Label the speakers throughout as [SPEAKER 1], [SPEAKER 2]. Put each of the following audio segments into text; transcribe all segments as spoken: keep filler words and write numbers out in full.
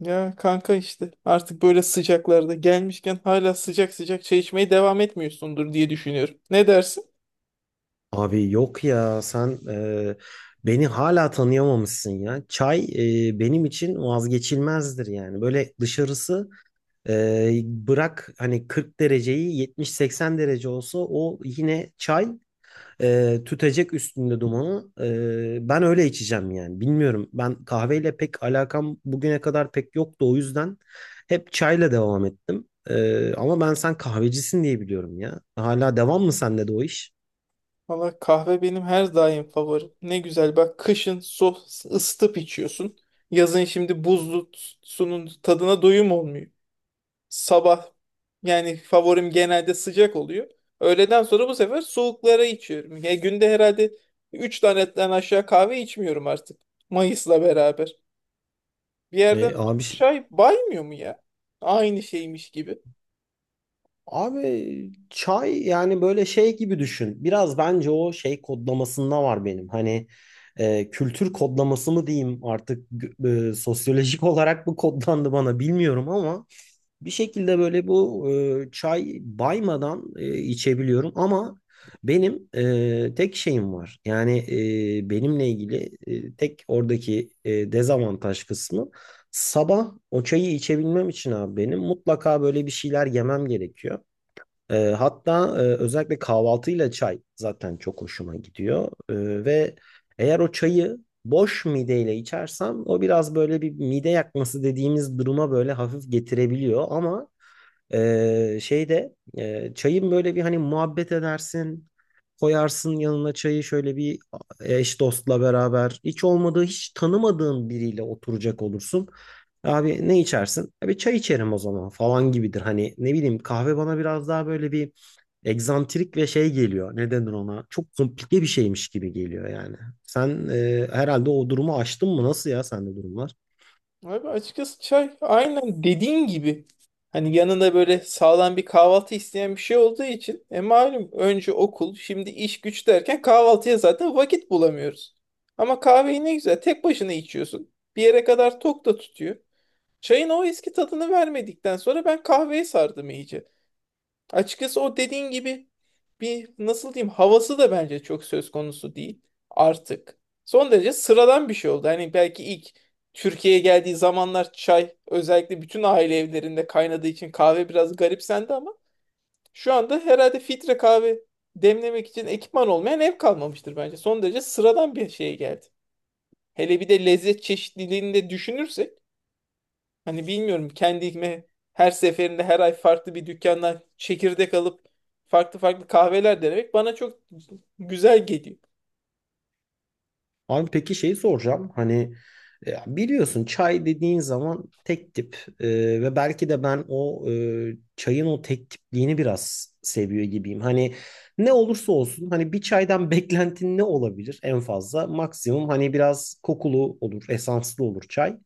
[SPEAKER 1] Ya kanka, işte artık böyle sıcaklarda gelmişken hala sıcak sıcak çay içmeye devam etmiyorsundur diye düşünüyorum. Ne dersin?
[SPEAKER 2] Abi yok ya sen e, beni hala tanıyamamışsın ya. Çay e, benim için vazgeçilmezdir yani. Böyle dışarısı e, bırak hani kırk dereceyi yetmiş seksen derece olsa o yine çay e, tütecek üstünde dumanı. E, ben öyle içeceğim yani. Bilmiyorum, ben kahveyle pek alakam bugüne kadar pek yoktu, o yüzden hep çayla devam ettim. E, ama ben sen kahvecisin diye biliyorum ya. Hala devam mı sende de o iş?
[SPEAKER 1] Valla kahve benim her daim favorim. Ne güzel, bak kışın soğuk ısıtıp içiyorsun. Yazın şimdi buzlu sunun tadına doyum olmuyor. Sabah yani favorim genelde sıcak oluyor. Öğleden sonra bu sefer soğuklara içiyorum. Ya günde herhalde üç tanetten aşağı kahve içmiyorum artık. Mayıs'la beraber. Bir yerden
[SPEAKER 2] E,
[SPEAKER 1] sonra
[SPEAKER 2] abi şey
[SPEAKER 1] çay baymıyor mu ya? Aynı şeymiş gibi.
[SPEAKER 2] Abi çay yani böyle şey gibi düşün. Biraz bence o şey kodlamasında var benim. Hani e, kültür kodlaması mı diyeyim artık, g- e, sosyolojik olarak mı kodlandı bana bilmiyorum, ama bir şekilde böyle bu e, çay baymadan e, içebiliyorum. Ama benim e, tek şeyim var. Yani e, benimle ilgili e, tek oradaki e, dezavantaj kısmı, sabah o çayı içebilmem için abi benim mutlaka böyle bir şeyler yemem gerekiyor. E, hatta e, özellikle kahvaltıyla çay zaten çok hoşuma gidiyor. E, ve eğer o çayı boş mideyle içersem, o biraz böyle bir mide yakması dediğimiz duruma böyle hafif getirebiliyor. Ama ee, şeyde e, çayın böyle bir hani, muhabbet edersin. Koyarsın yanına çayı şöyle, bir eş dostla beraber. Hiç olmadığı, hiç tanımadığın biriyle oturacak olursun. Abi ne içersin? Abi çay içerim o zaman falan gibidir. Hani ne bileyim, kahve bana biraz daha böyle bir egzantrik ve şey geliyor. Ne denir ona? Çok komplike bir şeymiş gibi geliyor yani. Sen e, herhalde o durumu aştın mı? Nasıl ya, sende durumlar?
[SPEAKER 1] Abi açıkçası çay aynen dediğin gibi. Hani yanında böyle sağlam bir kahvaltı isteyen bir şey olduğu için e malum önce okul, şimdi iş güç derken kahvaltıya zaten vakit bulamıyoruz. Ama kahveyi ne güzel tek başına içiyorsun. Bir yere kadar tok da tutuyor. Çayın o eski tadını vermedikten sonra ben kahveye sardım iyice. Açıkçası o dediğin gibi bir, nasıl diyeyim, havası da bence çok söz konusu değil artık. Son derece sıradan bir şey oldu. Hani belki ilk Türkiye'ye geldiği zamanlar çay özellikle bütün aile evlerinde kaynadığı için kahve biraz garipsendi ama şu anda herhalde filtre kahve demlemek için ekipman olmayan ev kalmamıştır bence. Son derece sıradan bir şeye geldi. Hele bir de lezzet çeşitliliğini de düşünürsek Hani bilmiyorum, kendime her seferinde, her ay farklı bir dükkandan çekirdek alıp farklı farklı kahveler denemek bana çok güzel geliyor.
[SPEAKER 2] Abi peki şeyi soracağım. Hani e, biliyorsun, çay dediğin zaman tek tip, E, ve belki de ben o e, çayın o tek tipliğini biraz seviyor gibiyim. Hani ne olursa olsun, hani bir çaydan beklentin ne olabilir en fazla? Maksimum hani biraz kokulu olur, esanslı olur çay.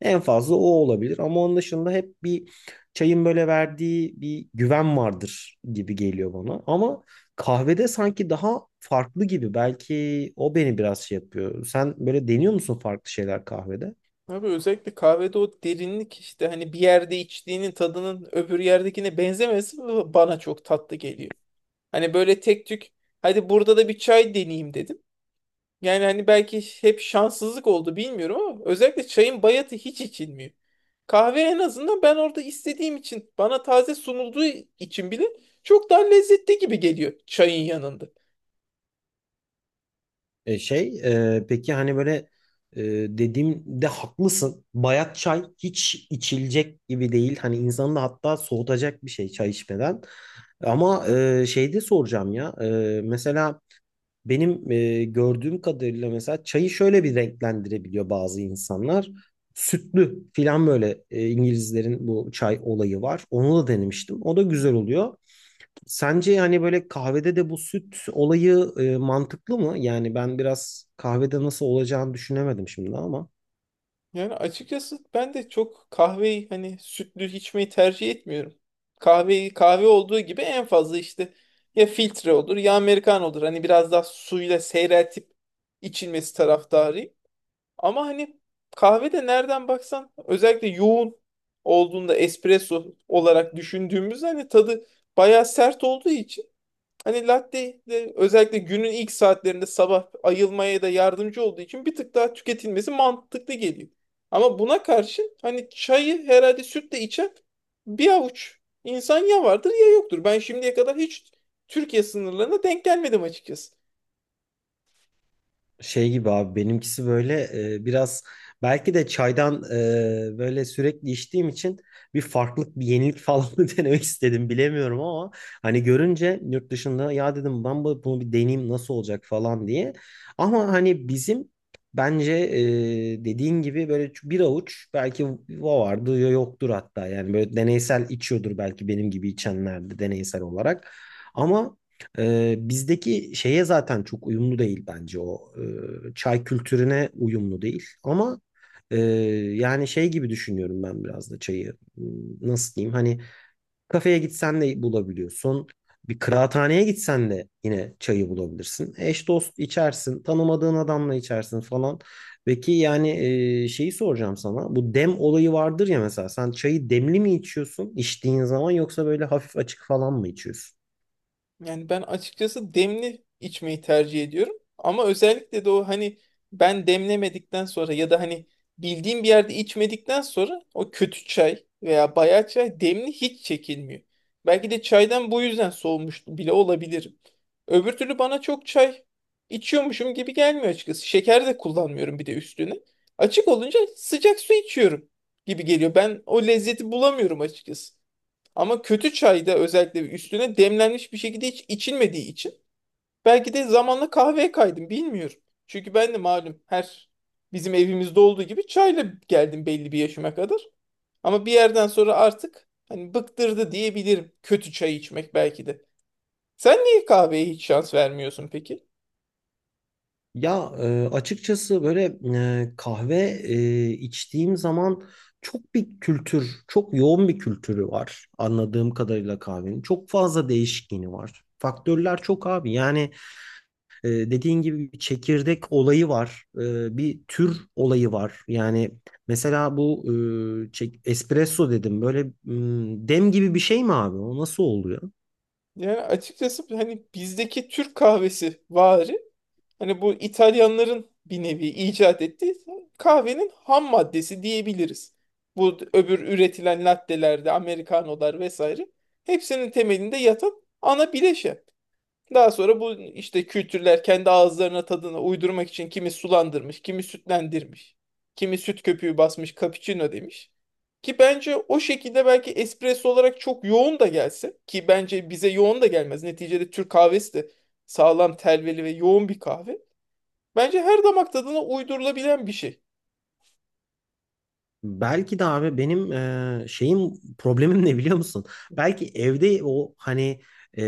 [SPEAKER 2] En fazla o olabilir, ama onun dışında hep bir çayın böyle verdiği bir güven vardır gibi geliyor bana. Ama Kahvede sanki daha farklı gibi. Belki o beni biraz şey yapıyor. Sen böyle deniyor musun farklı şeyler kahvede?
[SPEAKER 1] Abi özellikle kahvede o derinlik, işte hani bir yerde içtiğinin tadının öbür yerdekine benzemesi bana çok tatlı geliyor. Hani böyle tek tük hadi burada da bir çay deneyeyim dedim. Yani hani belki hep şanssızlık oldu bilmiyorum ama özellikle çayın bayatı hiç içilmiyor. Kahve en azından ben orada istediğim için, bana taze sunulduğu için bile çok daha lezzetli gibi geliyor çayın yanında.
[SPEAKER 2] E şey, e, peki hani böyle e, dediğimde haklısın. Bayat çay hiç içilecek gibi değil. Hani insanı da hatta soğutacak bir şey, çay içmeden. Ama e, şeyde soracağım ya. E, mesela Benim e, gördüğüm kadarıyla, mesela çayı şöyle bir renklendirebiliyor bazı insanlar. Sütlü filan böyle, e, İngilizlerin bu çay olayı var. Onu da denemiştim. O da güzel oluyor. Sence yani böyle kahvede de bu süt olayı e, mantıklı mı? Yani ben biraz kahvede nasıl olacağını düşünemedim şimdi ama.
[SPEAKER 1] Yani açıkçası ben de çok kahveyi hani sütlü içmeyi tercih etmiyorum. Kahveyi kahve olduğu gibi, en fazla işte ya filtre olur ya Amerikan olur. Hani biraz daha suyla seyreltip içilmesi taraftarıyım. Ama hani kahvede nereden baksan, özellikle yoğun olduğunda espresso olarak düşündüğümüz, hani tadı bayağı sert olduğu için, hani latte de özellikle günün ilk saatlerinde sabah ayılmaya da yardımcı olduğu için bir tık daha tüketilmesi mantıklı geliyor. Ama buna karşın hani çayı herhalde sütle içen bir avuç insan ya vardır ya yoktur. Ben şimdiye kadar hiç Türkiye sınırlarına denk gelmedim açıkçası.
[SPEAKER 2] Şey gibi abi, benimkisi böyle e, biraz, belki de çaydan e, böyle sürekli içtiğim için bir farklılık, bir yenilik falan mı denemek istedim bilemiyorum, ama hani görünce yurt dışında, ya dedim ben bu- bunu bir deneyeyim nasıl olacak falan diye. Ama hani bizim, bence e, dediğin gibi böyle bir avuç belki o vardı ya yoktur. Hatta yani böyle deneysel içiyordur belki benim gibi içenler de, deneysel olarak. Ama ee, bizdeki şeye zaten çok uyumlu değil bence o. Ee, çay kültürüne uyumlu değil. Ama e, yani şey gibi düşünüyorum ben biraz da çayı. Hmm, Nasıl diyeyim? Hani kafeye gitsen de bulabiliyorsun. Bir kıraathaneye gitsen de yine çayı bulabilirsin. Eş dost içersin. Tanımadığın adamla içersin falan. Peki yani e, şeyi soracağım sana. Bu dem olayı vardır ya mesela. Sen çayı demli mi içiyorsun içtiğin zaman, yoksa böyle hafif açık falan mı içiyorsun?
[SPEAKER 1] Yani ben açıkçası demli içmeyi tercih ediyorum. Ama özellikle de o hani ben demlemedikten sonra ya da hani bildiğim bir yerde içmedikten sonra o kötü çay veya bayağı çay demli hiç çekilmiyor. Belki de çaydan bu yüzden soğumuş bile olabilirim. Öbür türlü bana çok çay içiyormuşum gibi gelmiyor açıkçası. Şeker de kullanmıyorum bir de üstüne. Açık olunca sıcak su içiyorum gibi geliyor. Ben o lezzeti bulamıyorum açıkçası. Ama kötü çayda özellikle üstüne demlenmiş bir şekilde hiç içilmediği için belki de zamanla kahveye kaydım bilmiyorum. Çünkü ben de malum, her bizim evimizde olduğu gibi çayla geldim belli bir yaşıma kadar. Ama bir yerden sonra artık hani bıktırdı diyebilirim kötü çay içmek belki de. Sen niye kahveye hiç şans vermiyorsun peki?
[SPEAKER 2] Ya e, açıkçası böyle e, kahve e, içtiğim zaman çok bir kültür, çok yoğun bir kültürü var anladığım kadarıyla kahvenin. Çok fazla değişkeni var. Faktörler çok abi. Yani e, dediğin gibi bir çekirdek olayı var. E, bir tür olayı var. Yani mesela bu e, çek- espresso dedim. Böyle m, dem gibi bir şey mi abi? O nasıl oluyor?
[SPEAKER 1] Yani açıkçası hani bizdeki Türk kahvesi vari, Hani bu İtalyanların bir nevi icat ettiği kahvenin ham maddesi diyebiliriz. Bu öbür üretilen lattelerde, amerikanolar vesaire, hepsinin temelinde yatan ana bileşen. Daha sonra bu işte kültürler kendi ağızlarına, tadına uydurmak için kimi sulandırmış, kimi sütlendirmiş, kimi süt köpüğü basmış, cappuccino demiş. Ki bence o şekilde, belki espresso olarak çok yoğun da gelse, ki bence bize yoğun da gelmez. Neticede Türk kahvesi de sağlam, telveli ve yoğun bir kahve. Bence her damak tadına uydurulabilen bir şey.
[SPEAKER 2] Belki de abi benim e, şeyim, problemim ne biliyor musun? Belki evde o hani e,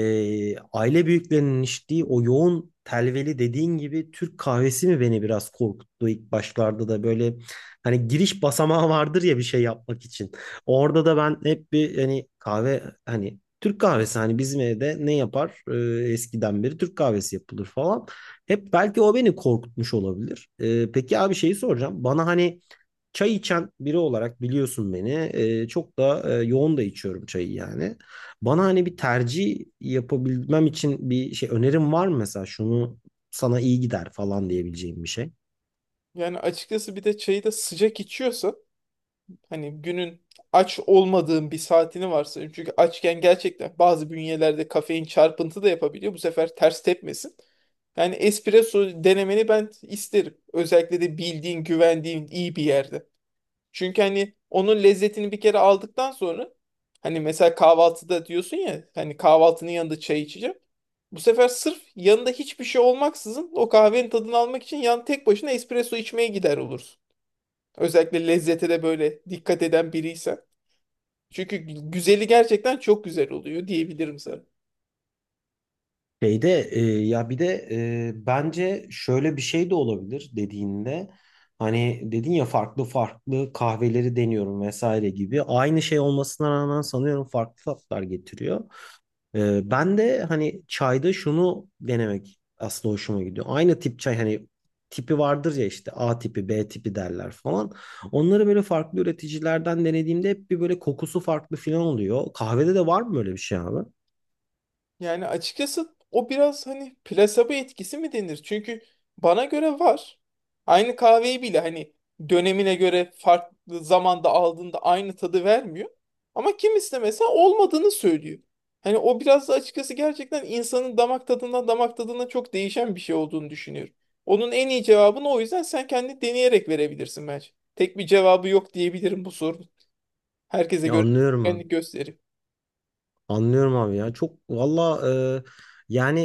[SPEAKER 2] aile büyüklerinin içtiği o yoğun telveli dediğin gibi Türk kahvesi mi beni biraz korkuttu ilk başlarda, da böyle hani giriş basamağı vardır ya bir şey yapmak için. Orada da ben hep bir, hani kahve, hani Türk kahvesi, hani bizim evde ne yapar? E, eskiden beri Türk kahvesi yapılır falan. Hep belki o beni korkutmuş olabilir. E, peki abi şeyi soracağım. Bana hani, Çay içen biri olarak biliyorsun beni. Ee, çok da e, yoğun da içiyorum çayı yani. Bana hani bir tercih yapabilmem için bir şey, önerim var mı mesela, şunu sana iyi gider falan diyebileceğim bir şey.
[SPEAKER 1] Yani açıkçası bir de çayı da sıcak içiyorsa, hani günün aç olmadığın bir saatini varsa, çünkü açken gerçekten bazı bünyelerde kafein çarpıntı da yapabiliyor. Bu sefer ters tepmesin. Yani espresso denemeni ben isterim. Özellikle de bildiğin, güvendiğin iyi bir yerde. Çünkü hani onun lezzetini bir kere aldıktan sonra, hani mesela kahvaltıda diyorsun ya, hani kahvaltının yanında çay içeceğim. Bu sefer sırf yanında hiçbir şey olmaksızın o kahvenin tadını almak için yan tek başına espresso içmeye gider olursun. Özellikle lezzete de böyle dikkat eden biriysen. Çünkü güzeli gerçekten çok güzel oluyor diyebilirim sana.
[SPEAKER 2] Şeyde e, ya bir de e, bence şöyle bir şey de olabilir dediğinde, hani dedin ya farklı farklı kahveleri deniyorum vesaire gibi, aynı şey olmasına rağmen sanıyorum farklı tatlar getiriyor. Ee, ben de hani çayda şunu denemek aslında hoşuma gidiyor. Aynı tip çay, hani tipi vardır ya, işte A tipi, be tipi derler falan. Onları böyle farklı üreticilerden denediğimde hep bir böyle kokusu farklı falan oluyor. Kahvede de var mı böyle bir şey abi?
[SPEAKER 1] Yani açıkçası o biraz hani plasebo etkisi mi denir? Çünkü bana göre var. Aynı kahveyi bile hani dönemine göre farklı zamanda aldığında aynı tadı vermiyor. Ama kimisi de mesela olmadığını söylüyor. Hani o biraz da açıkçası gerçekten insanın damak tadından damak tadına çok değişen bir şey olduğunu düşünüyorum. Onun en iyi cevabını o yüzden sen kendi deneyerek verebilirsin bence. Tek bir cevabı yok diyebilirim bu sorunun. Herkese
[SPEAKER 2] Ya
[SPEAKER 1] göre
[SPEAKER 2] anlıyorum abi.
[SPEAKER 1] kendi gösterim.
[SPEAKER 2] Anlıyorum abi ya. Çok valla e, yani,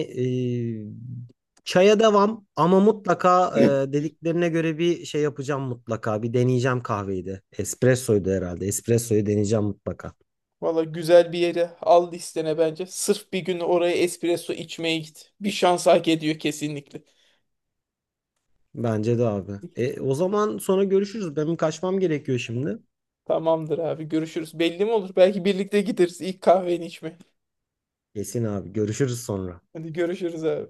[SPEAKER 2] e, çaya devam, ama mutlaka e, dediklerine göre bir şey yapacağım mutlaka. Bir deneyeceğim kahveyi de. Espressoydu herhalde. Espressoyu deneyeceğim mutlaka.
[SPEAKER 1] Valla güzel bir yere al listene bence. Sırf bir gün oraya espresso içmeye git. Bir şans hak ediyor kesinlikle.
[SPEAKER 2] Bence de abi. E, o zaman sonra görüşürüz. Benim kaçmam gerekiyor şimdi.
[SPEAKER 1] Tamamdır abi, görüşürüz. Belli mi olur? Belki birlikte gideriz ilk kahveni içmeye.
[SPEAKER 2] Kesin abi. Görüşürüz sonra.
[SPEAKER 1] Hadi görüşürüz abi.